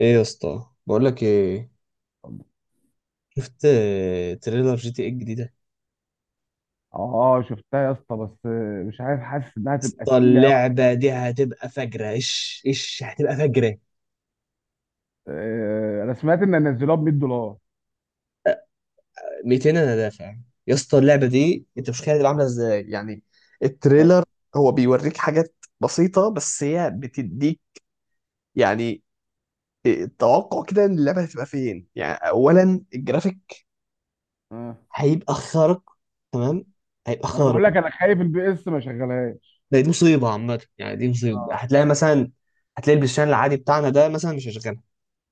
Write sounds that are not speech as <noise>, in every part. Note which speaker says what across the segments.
Speaker 1: ايه يا اسطى، بقول لك ايه؟ شفت تريلر جي تي ايه الجديده؟
Speaker 2: اه، شفتها يا اسطى، بس مش عارف، حاسس انها تبقى
Speaker 1: اسطى،
Speaker 2: تقيله قوي.
Speaker 1: اللعبه دي هتبقى فجره، ايش هتبقى فجره.
Speaker 2: انا سمعت ان نزلوها ب 100 دولار.
Speaker 1: 200 انا دافع. يا اسطى اللعبه دي انت مش متخيل هتبقى عامله ازاي، يعني
Speaker 2: آه،
Speaker 1: التريلر هو بيوريك حاجات بسيطه بس هي بتديك. يعني التوقع كده ان اللعبه هتبقى فين، يعني اولا الجرافيك
Speaker 2: آه.
Speaker 1: هيبقى خارق، تمام؟ هيبقى
Speaker 2: وانا بقول
Speaker 1: خارق.
Speaker 2: لك انا خايف البي اس ما شغلهاش.
Speaker 1: دي مصيبه عامه، يعني دي مصيبه.
Speaker 2: اه،
Speaker 1: هتلاقي مثلا، هتلاقي البلاي ستيشن العادي بتاعنا ده مثلا مش هيشغل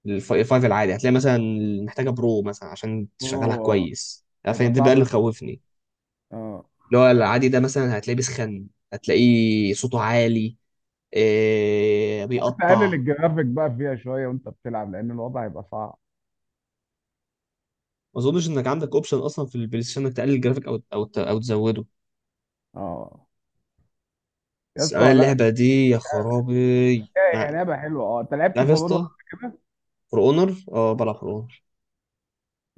Speaker 1: الفايف العادي. هتلاقي مثلا محتاجه برو مثلا عشان تشغلها
Speaker 2: هو
Speaker 1: كويس،
Speaker 2: هيبقى
Speaker 1: فاهم؟ ده بقى
Speaker 2: صعب
Speaker 1: اللي
Speaker 2: أوي.
Speaker 1: مخوفني.
Speaker 2: اه،
Speaker 1: اللي هو العادي ده مثلا هتلاقيه بيسخن، هتلاقيه صوته عالي، إيه،
Speaker 2: كنت
Speaker 1: بيقطع.
Speaker 2: اقلل الجرافيك بقى فيها شويه وانت بتلعب، لان الوضع هيبقى صعب.
Speaker 1: ما اظنش انك عندك اوبشن اصلا في البلاي ستيشن انك تقلل الجرافيك او تزوده.
Speaker 2: اه، يا
Speaker 1: بس
Speaker 2: اسطى،
Speaker 1: انا
Speaker 2: لا بس.
Speaker 1: اللعبه دي، يا خرابي
Speaker 2: هي
Speaker 1: يعني-
Speaker 2: لعبه حلوه. اه، انت لعبت
Speaker 1: عارف يا
Speaker 2: فالونا
Speaker 1: اسطى؟ فور اونر. اه بلعب فور اونر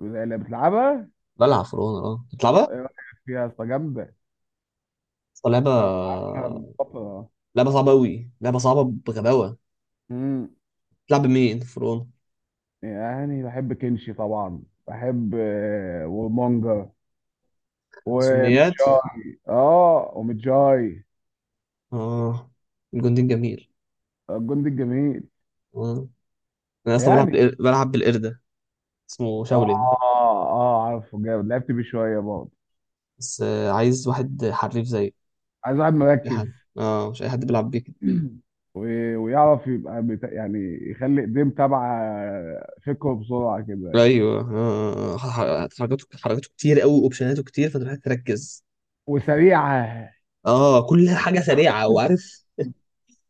Speaker 2: اللي بتلعبها؟
Speaker 1: بلعب فور اونر اه بتلعبها.
Speaker 2: اه، ايه رايك فيها يا اسطى؟ جامده.
Speaker 1: أصلاً لعبه،
Speaker 2: انا بلعبها من فتره.
Speaker 1: لعبه صعبه قوي، لعبه صعبه بغباوه. بتلعب مين فور اونر؟
Speaker 2: يعني بحب كنشي طبعا، بحب ومانجا
Speaker 1: سميات؟
Speaker 2: ومتجاي
Speaker 1: اه، الجندي جميل.
Speaker 2: الجندي الجميل،
Speaker 1: اه، انا اصلا بلعب
Speaker 2: يعني.
Speaker 1: بلعب بالقردة، اسمه
Speaker 2: اه،
Speaker 1: شاولين.
Speaker 2: اه، عارفه جامد، لعبت بيه شويه برضه.
Speaker 1: بس عايز واحد حريف، زي
Speaker 2: عايز واحد
Speaker 1: اي
Speaker 2: مركز.
Speaker 1: حد. اه مش اي حد بيلعب بيه كده.
Speaker 2: <clears throat> ويعرف يبقى يعني، يخلي ايديه تبع فكره بسرعه كده،
Speaker 1: ايوه، حركاته كتير قوي، اوبشناته كتير، فانت محتاج تركز.
Speaker 2: وسريعه.
Speaker 1: اه كل حاجه سريعه، وعارف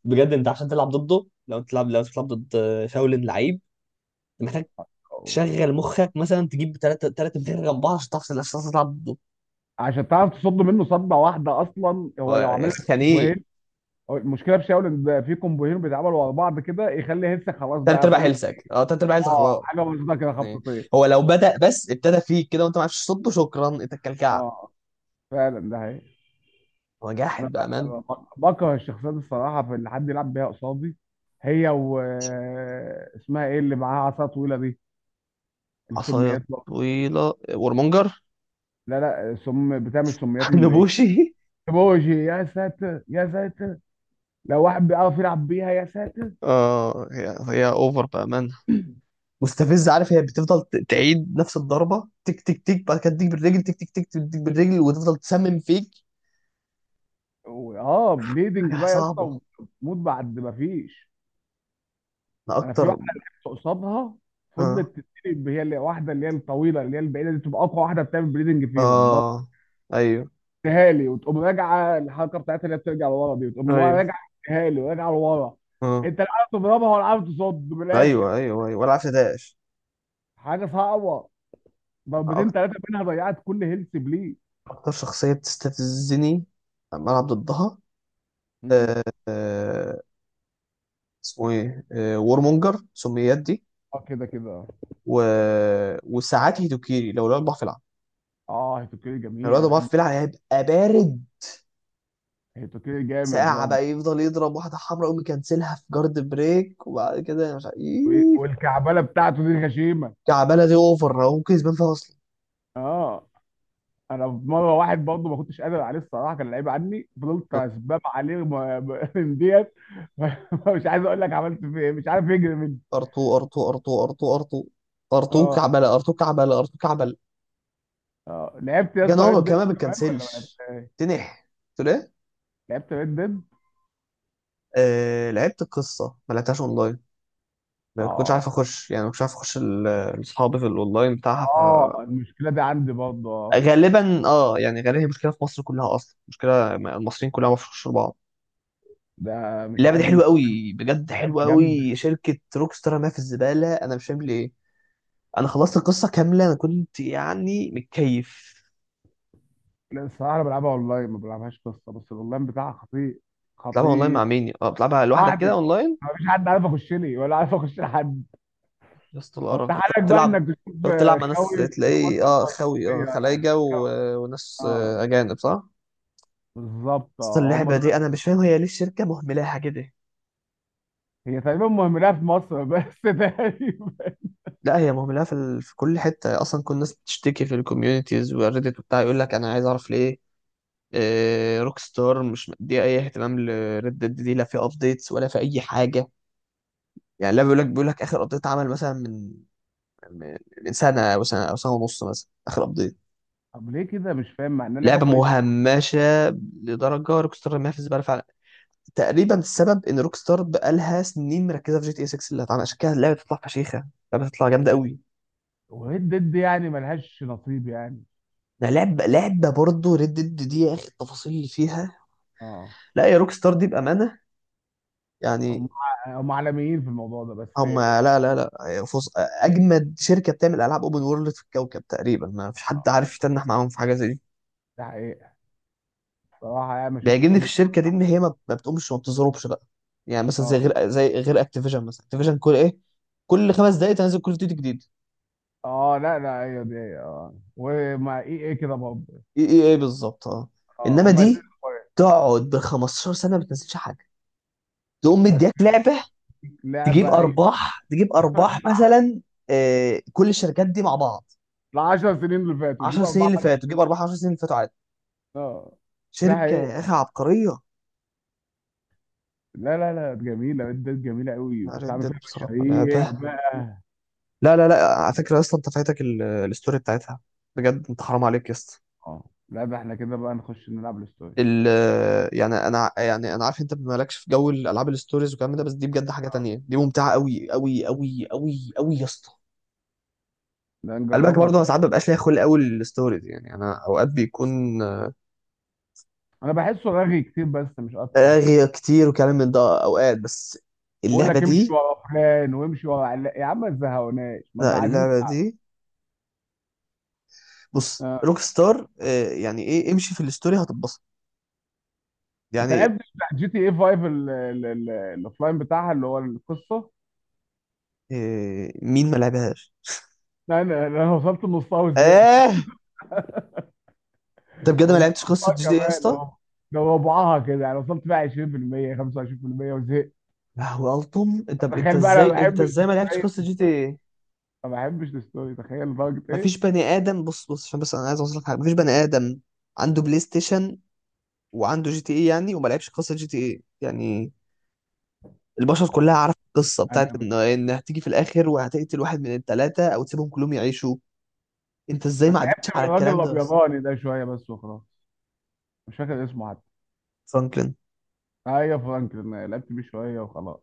Speaker 1: بجد، انت عشان تلعب ضده، لو انت تلعب لو أنت بتلعب ضد شاولين لعيب، انت محتاج تشغل مخك، مثلا تجيب ثلاثه ثلاثه بتلعب جنب بعض عشان تعرف، عشان تعرف تلعب ضده.
Speaker 2: عشان تعرف تصد منه صدة واحدة، أصلا هو لو
Speaker 1: آه،
Speaker 2: عمل
Speaker 1: يعني ايه؟
Speaker 2: لك. هو المشكله في شاول ان بقى في كومبوهين بيتعملوا ورا بعض كده يخلي هيلث خلاص
Speaker 1: تلات
Speaker 2: بقى
Speaker 1: ارباع
Speaker 2: فاضل.
Speaker 1: هيلثك، اه تلات ارباع هيلثك
Speaker 2: اه،
Speaker 1: خلاص،
Speaker 2: حاجه بسيطه كده،
Speaker 1: يعني.
Speaker 2: خبطتين.
Speaker 1: هو لو بدأ، بس ابتدى فيك كده وانت ما عرفتش تصده، شكرا، انت الكلكعب.
Speaker 2: اه، فعلا، ده حقيقي.
Speaker 1: هو
Speaker 2: انا
Speaker 1: جاحد بأمان.
Speaker 2: بكره الشخصيات الصراحه في اللي حد يلعب بيها قصادي. هي و اسمها ايه اللي معاها عصا طويله دي؟
Speaker 1: عصاية
Speaker 2: السميات بقى.
Speaker 1: طويلة ورمونجر.
Speaker 2: لا لا، سم بتعمل سميات
Speaker 1: <laughs>
Speaker 2: من بعيد.
Speaker 1: نبوشي.
Speaker 2: بوجي، يا ساتر يا ساتر. لو واحد بيعرف يلعب بيها يا ساتر.
Speaker 1: اه، هي هي اوفر بأمان، مستفزة، عارف، هي بتفضل تعيد نفس الضربة، تك تك تك، بعد كده تديك بالرجل، تك تك تك، تديك بالرجل، وتفضل تسمم فيك.
Speaker 2: بليدنج
Speaker 1: حاجة
Speaker 2: بقى يا اسطى،
Speaker 1: صعبة.
Speaker 2: وتموت بعد ما فيش.
Speaker 1: انا
Speaker 2: انا في
Speaker 1: اكتر.
Speaker 2: واحده لعبت قصادها
Speaker 1: اه،
Speaker 2: فضلت تتقلب، هي اللي واحده اللي هي الطويله اللي هي البعيده دي تبقى اقوى واحده بتعمل بريدنج فيهم.
Speaker 1: اه، ايوه،
Speaker 2: ضربتها لي وتقوم راجعه، الحركه بتاعتها اللي هي بترجع لورا دي وتقوم
Speaker 1: ايوه،
Speaker 2: راجعه. اديها لي وراجعه لورا.
Speaker 1: اه،
Speaker 2: انت لا عارف تضربها ولا عارف تصد من الاخر.
Speaker 1: ايوه ايوه ايوه، ولا عارف ده.
Speaker 2: حاجه صعبه. ضربتين
Speaker 1: اكتر
Speaker 2: ثلاثه منها ضيعت كل هيلث بليه.
Speaker 1: اكتر شخصية بتستفزني لما العب ضدها.
Speaker 2: مم.
Speaker 1: آه، آه، اسمه ايه؟ وورمونجر، سميات دي.
Speaker 2: اه، كده كده، اه.
Speaker 1: و... وساعات هيدوكيري، لو الولد ضعف في العب،
Speaker 2: هيتوكيري
Speaker 1: لو
Speaker 2: جميل،
Speaker 1: الولد
Speaker 2: انا
Speaker 1: ضعف
Speaker 2: بحب
Speaker 1: في العب هيبقى بارد.
Speaker 2: هيتوكيري، جامد
Speaker 1: ساعة
Speaker 2: برضه.
Speaker 1: بقى يفضل يضرب واحدة حمراء، يقوم يكنسلها في جارد بريك، وبعد كده مش عارف إيه.
Speaker 2: والكعبله بتاعته دي غشيمه.
Speaker 1: كعبالة دي اوفر، هو ممكن يسبان فيها اصلا.
Speaker 2: اه، انا في مره واحد برضه ما كنتش قادر عليه الصراحه، كان لعيب عني، فضلت اسباب عليه من ديت. <laughs> مش عايز اقول لك عملت فيه ايه، مش عارف يجري مني.
Speaker 1: ار2 ار2 ار2 ار2 ار2. ار2
Speaker 2: اه،
Speaker 1: كعبالة، ار2 كعبالة، ار2 كعبالة.
Speaker 2: اه، لعبت يا
Speaker 1: كان
Speaker 2: اسطى
Speaker 1: هو
Speaker 2: ريد ديد
Speaker 1: كمان ما
Speaker 2: كمان ولا ما
Speaker 1: بتكنسلش،
Speaker 2: لعبتهاش؟
Speaker 1: تنح. قلت له ايه؟
Speaker 2: لعبت ريد ديد.
Speaker 1: لعبت القصة، ما لعبتهاش اونلاين. ما كنتش عارف
Speaker 2: اه،
Speaker 1: اخش، يعني ما كنتش عارف اخش الاصحاب في الاونلاين بتاعها.
Speaker 2: اه، المشكله دي عندي برضه، اه.
Speaker 1: فغالبا اه، يعني غالبا هي مشكله في مصر كلها، اصلا مشكله المصريين كلها، ما بيعرفوش بعض.
Speaker 2: ده مش
Speaker 1: اللعبه دي
Speaker 2: عارف
Speaker 1: حلوه
Speaker 2: مش.
Speaker 1: قوي، بجد
Speaker 2: لعبه
Speaker 1: حلوه
Speaker 2: جامده.
Speaker 1: قوي. شركه روكستار رماها في الزباله، انا مش فاهم ليه. انا خلصت القصه كامله، انا كنت يعني متكيف.
Speaker 2: لا، الصراحه انا بلعبها اونلاين ما بلعبهاش قصه، بس الاونلاين بتاعها خطير،
Speaker 1: بتلعبها اونلاين مع
Speaker 2: خطير.
Speaker 1: مين؟ اه، بتلعبها لوحدك
Speaker 2: لوحدي.
Speaker 1: كده اونلاين؟
Speaker 2: أنا مفيش حد عارف اخش لي ولا عارف اخش لحد.
Speaker 1: يا اسطى،
Speaker 2: هو
Speaker 1: القرف
Speaker 2: انت
Speaker 1: ده بتلعب،
Speaker 2: حالك بقى
Speaker 1: تلعب،
Speaker 2: انك تشوف.
Speaker 1: تقعد تلعب مع ناس،
Speaker 2: خاوي،
Speaker 1: تلاقي
Speaker 2: اخواتنا
Speaker 1: اه،
Speaker 2: بتوع
Speaker 1: خوي، اه،
Speaker 2: الشرقيه يعني،
Speaker 1: خلايجه،
Speaker 2: خاوي.
Speaker 1: وناس
Speaker 2: اه،
Speaker 1: اجانب، صح؟
Speaker 2: بالظبط،
Speaker 1: اصل
Speaker 2: اه، هم
Speaker 1: اللعبه
Speaker 2: دول.
Speaker 1: دي انا مش فاهم، هي ليه الشركه مهملاها كده؟
Speaker 2: هي تقريبا مهملها في مصر بس <laughs> تقريبا.
Speaker 1: لا هي مهملة في كل حتة أصلا. كل الناس بتشتكي في الكوميونيتيز والريديت وبتاع، يقول لك أنا عايز أعرف ليه إيه روك ستار مش مديه أي اهتمام لريد ديد دي، لا في أبديتس ولا في أي حاجة. يعني لا، بيقول لك آخر أبديت عمل مثلا من من من سنة أو سنة أو سنة ونص مثلا آخر أبديت.
Speaker 2: طب ليه كده؟ مش فاهم مع انها لعبه
Speaker 1: لعبة
Speaker 2: كويسه.
Speaker 1: مهمشة لدرجة، روك ستار ما في زبالة فعلا. تقريبا السبب إن روك ستار بقالها سنين مركزة في جي تي إيه 6 اللي هتعمل، عشان كده اللعبة تطلع فشيخة، اللعبة تطلع جامدة قوي.
Speaker 2: وريد ديد يعني ملهاش نصيب يعني.
Speaker 1: ده لعبة، برضه ريد ديد دي، يا اخي، التفاصيل اللي فيها،
Speaker 2: اه،
Speaker 1: لا يا روك ستار دي بأمانة، يعني.
Speaker 2: هم هم عالميين في الموضوع ده بس.
Speaker 1: هم لا لا لا فص... اجمد شركة بتعمل العاب اوبن وورلد في الكوكب تقريبا. ما فيش حد عارف يتنح معاهم في حاجة زي دي.
Speaker 2: ده حقيقة. صراحة يعني ما شفتش
Speaker 1: بيعجبني في
Speaker 2: اوبن.
Speaker 1: الشركة دي ان هي ما بتقومش وما بتزربش بقى، يعني. مثلا
Speaker 2: اه،
Speaker 1: زي غير اكتيفيجن مثلا، اكتيفيجن كل ايه، كل خمس دقايق تنزل كل فيديو جديد.
Speaker 2: اه، لا لا، هي دي، اه، ومع اي ايه كده برضه.
Speaker 1: ايه بالظبط، اه.
Speaker 2: اه،
Speaker 1: انما
Speaker 2: هم الاثنين
Speaker 1: دي
Speaker 2: كويس.
Speaker 1: تقعد ب 15 سنة ما بتنزلش حاجة، تقوم
Speaker 2: بس
Speaker 1: مديك لعبة
Speaker 2: لعبة اي.
Speaker 1: تجيب ارباح مثلا. كل الشركات دي مع بعض
Speaker 2: ال 10 سنين اللي فاتوا دي
Speaker 1: 10
Speaker 2: بقى
Speaker 1: سنين
Speaker 2: اربعة.
Speaker 1: اللي فاتوا تجيب ارباح، 10 سنين اللي فاتوا عادي.
Speaker 2: اه، ده
Speaker 1: شركه يا
Speaker 2: حقيقي.
Speaker 1: اخي عبقريه.
Speaker 2: لا لا لا، جميلة، ده جميلة قوي. كنت
Speaker 1: ريد
Speaker 2: عامل
Speaker 1: ديد
Speaker 2: فيها
Speaker 1: بصراحه
Speaker 2: مشاريع
Speaker 1: لعبه،
Speaker 2: بقى.
Speaker 1: لا على فكره، اصلا انت فايتك الستوري بتاعتها، بجد انت حرام عليك يا اسطى.
Speaker 2: اه، لا، ده احنا كده بقى نخش نلعب الستوري.
Speaker 1: ال يعني انا، يعني انا عارف انت مالكش في جو الالعاب الستوريز والكلام ده، بس دي بجد حاجه تانية، دي ممتعه قوي قوي قوي قوي قوي يا اسطى.
Speaker 2: لا،
Speaker 1: قلبك
Speaker 2: نجربها
Speaker 1: برضه،
Speaker 2: طبعا.
Speaker 1: انا ساعات مبقاش ليا خلق قوي الستوريز، يعني انا اوقات بيكون
Speaker 2: انا بحسه رغي كتير، بس مش اكتر.
Speaker 1: اغير كتير وكلام من ده اوقات، بس
Speaker 2: بقول
Speaker 1: اللعبه
Speaker 2: لك امشي
Speaker 1: دي،
Speaker 2: ورا فلان وامشي ورا يا عم ما تزهقوناش، ما ده
Speaker 1: لا
Speaker 2: عايزين.
Speaker 1: اللعبه دي، بص
Speaker 2: آه.
Speaker 1: روك ستار، يعني ايه، امشي في الستوري هتتبسط.
Speaker 2: انت
Speaker 1: يعني
Speaker 2: لعبت بتاع جي تي اي 5 الاوفلاين بتاعها اللي هو القصه؟
Speaker 1: مين ما لعبهاش؟
Speaker 2: لا، انا وصلت لنصها وزهقت.
Speaker 1: اه، انت بجد ما
Speaker 2: هو مش
Speaker 1: لعبتش قصه
Speaker 2: نصها
Speaker 1: جي تي ايه يا
Speaker 2: كمان،
Speaker 1: اسطى؟
Speaker 2: هو ده ربعها كده يعني. وصلت بقى 20% 25% وزهقت.
Speaker 1: يا هو التوم، انت انت
Speaker 2: تخيل بقى، انا ما
Speaker 1: ازاي انت
Speaker 2: بحبش
Speaker 1: ازاي ما لعبتش قصه جي تي
Speaker 2: السباق.
Speaker 1: ايه؟
Speaker 2: ما بحبش الستوري، تخيل لدرجة ايه.
Speaker 1: مفيش بني ادم، بص بص، عشان بس انا عايز اوصل لك حاجه، مفيش بني ادم عنده بلاي ستيشن وعنده جي تي ايه يعني، وما لعبش قصه جي تي ايه، يعني. البشر كلها عارفة القصة بتاعت
Speaker 2: انا
Speaker 1: إن
Speaker 2: مش
Speaker 1: إن هتيجي في الآخر وهتقتل واحد من التلاتة أو تسيبهم كلهم يعيشوا. أنت إزاي
Speaker 2: انا
Speaker 1: ما
Speaker 2: لعبت
Speaker 1: عدتش
Speaker 2: من
Speaker 1: على
Speaker 2: الراجل
Speaker 1: الكلام ده يا اسطى؟
Speaker 2: الابيضاني ده شوية بس وخلاص، مش فاكر اسمه حتى.
Speaker 1: فرانكلين، يا
Speaker 2: ايوه، فرانكلين، لعبت بيه شوية وخلاص.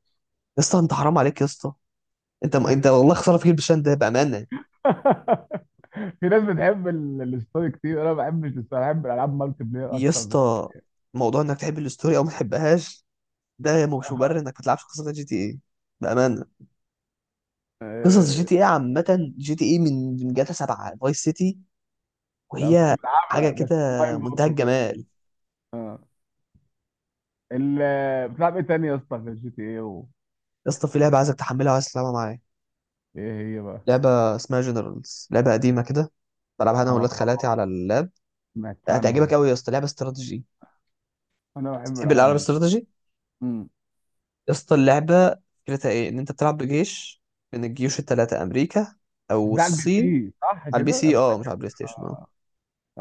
Speaker 1: اسطى أنت حرام عليك يا اسطى، أنت والله خسارة في البشان ده بأمانة.
Speaker 2: <laughs> في ناس بتحب الستوري كتير، انا ما بحبش الستوري، بحب الالعاب مالتي بلاير
Speaker 1: يا
Speaker 2: اكتر
Speaker 1: اسطى، موضوع إنك تحب الستوري أو ما تحبهاش ده مش مبرر إنك ما تلعبش قصة جي تي إيه، بأمانة. قصص جي
Speaker 2: آه...
Speaker 1: تي إيه عامة، جي تي إيه من جاتا 7 فايس سيتي،
Speaker 2: طب كنت
Speaker 1: وهي حاجة
Speaker 2: بلعبها بس
Speaker 1: كده
Speaker 2: اونلاين
Speaker 1: منتهى
Speaker 2: برضه بقى.
Speaker 1: الجمال.
Speaker 2: آه. ال... بتلعب ايه تاني يا اسطى غير جي تي ايه و...؟
Speaker 1: يا اسطى، في لعبة عايزك تحملها وعايز تلعبها معايا،
Speaker 2: ايه هي بقى؟
Speaker 1: لعبة اسمها جنرالز، لعبة قديمة كده، بلعبها انا
Speaker 2: اه،
Speaker 1: واولاد خالاتي على اللاب.
Speaker 2: سمعت عنها.
Speaker 1: هتعجبك قوي يا اسطى، لعبه استراتيجي.
Speaker 2: انا بحب
Speaker 1: تحب الالعاب
Speaker 2: الالعاب دي.
Speaker 1: الاستراتيجي؟
Speaker 2: امم.
Speaker 1: يا اسطى، اللعبه فكرتها ايه، ان انت بتلعب بجيش من الجيوش الثلاثه، امريكا
Speaker 2: بس
Speaker 1: او
Speaker 2: ده على البي
Speaker 1: الصين.
Speaker 2: سي صح
Speaker 1: على البي
Speaker 2: كده،
Speaker 1: سي،
Speaker 2: انا
Speaker 1: اه، مش على
Speaker 2: فاكر.
Speaker 1: البلاي ستيشن، اه.
Speaker 2: اه،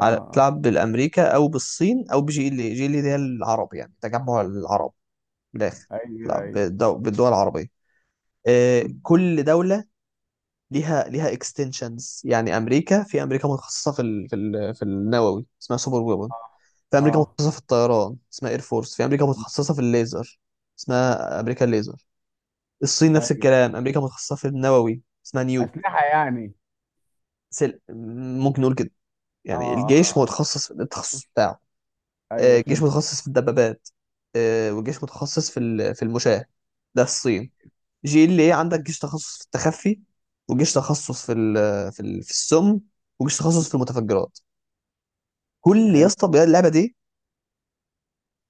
Speaker 1: على بتلعب بالامريكا او بالصين او بجي ال اي، جي ال اي دي هي العرب يعني، تجمع العرب من الاخر.
Speaker 2: ايوه
Speaker 1: بتلعب
Speaker 2: ايوه،
Speaker 1: بالدول العربيه. آه، كل دوله ليها اكستنشنز. يعني امريكا، في امريكا متخصصه في النووي، اسمها سوبر ويبن. في امريكا
Speaker 2: اه.
Speaker 1: متخصصه في الطيران، اسمها اير فورس. في امريكا
Speaker 2: م.
Speaker 1: متخصصه في الليزر، اسمها امريكا الليزر. الصين نفس
Speaker 2: ايوه،
Speaker 1: الكلام، امريكا متخصصه في النووي اسمها نيو،
Speaker 2: اسلحه يعني.
Speaker 1: ممكن نقول كده،
Speaker 2: اه،
Speaker 1: يعني
Speaker 2: آه،
Speaker 1: الجيش
Speaker 2: آه.
Speaker 1: متخصص في التخصص بتاعه.
Speaker 2: ايوه
Speaker 1: الجيش
Speaker 2: فهمت.
Speaker 1: متخصص في الدبابات، والجيش متخصص في المشاة، ده الصين. جي ال ايه عندك جيش تخصص في التخفي، وجيش تخصص في السم، وجيش تخصص في المتفجرات. كل يا
Speaker 2: حلو.
Speaker 1: اسطى، اللعبه دي،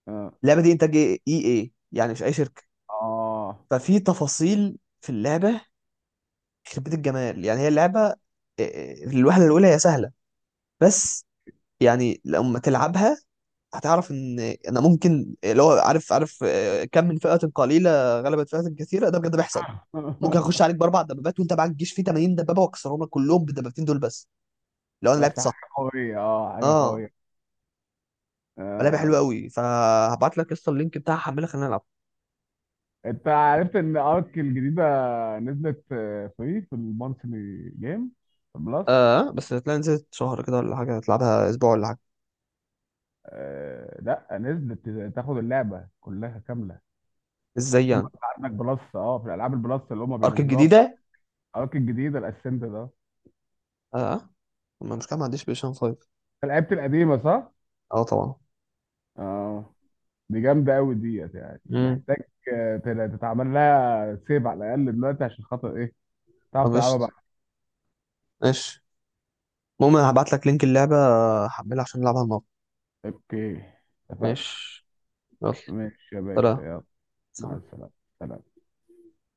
Speaker 2: اه،
Speaker 1: اللعبه دي انتاج اي اي يعني، مش اي شركه.
Speaker 2: آه.
Speaker 1: ففي تفاصيل في اللعبة يخرب بيت الجمال، يعني. هي اللعبة الوهلة الأولى هي سهلة، بس يعني لما تلعبها هتعرف ان، انا ممكن اللي هو عارف، كم من فئة قليلة غلبت فئة كثيرة، ده بجد بيحصل. ممكن اخش عليك
Speaker 2: <laughs>
Speaker 1: باربع دبابات وانت معاك جيش فيه 80 دبابة، واكسرهم لك كلهم بالدبابتين دول بس، لو انا
Speaker 2: بس
Speaker 1: لعبت صح.
Speaker 2: حاجه قويه، اه، حاجه
Speaker 1: اه،
Speaker 2: قويه. آه.
Speaker 1: لعبة حلوة
Speaker 2: آه.
Speaker 1: قوي، فهبعت لك قصة اللينك بتاعها، حملها، خلينا نلعب.
Speaker 2: انت عرفت ان ارك الجديده نزلت فري في المونثلي جيم بلس؟
Speaker 1: اه، بس هتلاقي نزلت شهر كده ولا حاجة، هتلعبها اسبوع ولا حاجة.
Speaker 2: آه. لا، نزلت تاخد اللعبه كلها كامله.
Speaker 1: ازاي
Speaker 2: ثم
Speaker 1: يعني؟
Speaker 2: انت عندك بلس، اه، في الالعاب البلس اللي هم
Speaker 1: ارك
Speaker 2: بينزلوها في
Speaker 1: الجديدة؟
Speaker 2: ارك الجديده الاسنت ده.
Speaker 1: اه، ما مش كده، ما عنديش بلاي 5.
Speaker 2: أنت لعبت القديمه صح؟
Speaker 1: اه طبعا.
Speaker 2: اه، دي جامدة أوي ديت، يعني
Speaker 1: امم،
Speaker 2: محتاج تتعمل لها سيف على الأقل دلوقتي، عشان خاطر إيه تعرف تلعبها
Speaker 1: قفشت،
Speaker 2: بقى.
Speaker 1: ماشي. المهم هبعت لك لينك اللعبة، هحملها عشان نلعبها النهارده.
Speaker 2: أوكي، اتفقنا.
Speaker 1: ماشي، يلا،
Speaker 2: ماشي يا باشا،
Speaker 1: سلام.
Speaker 2: يلا. مع
Speaker 1: سلام.
Speaker 2: السلامة. سلام.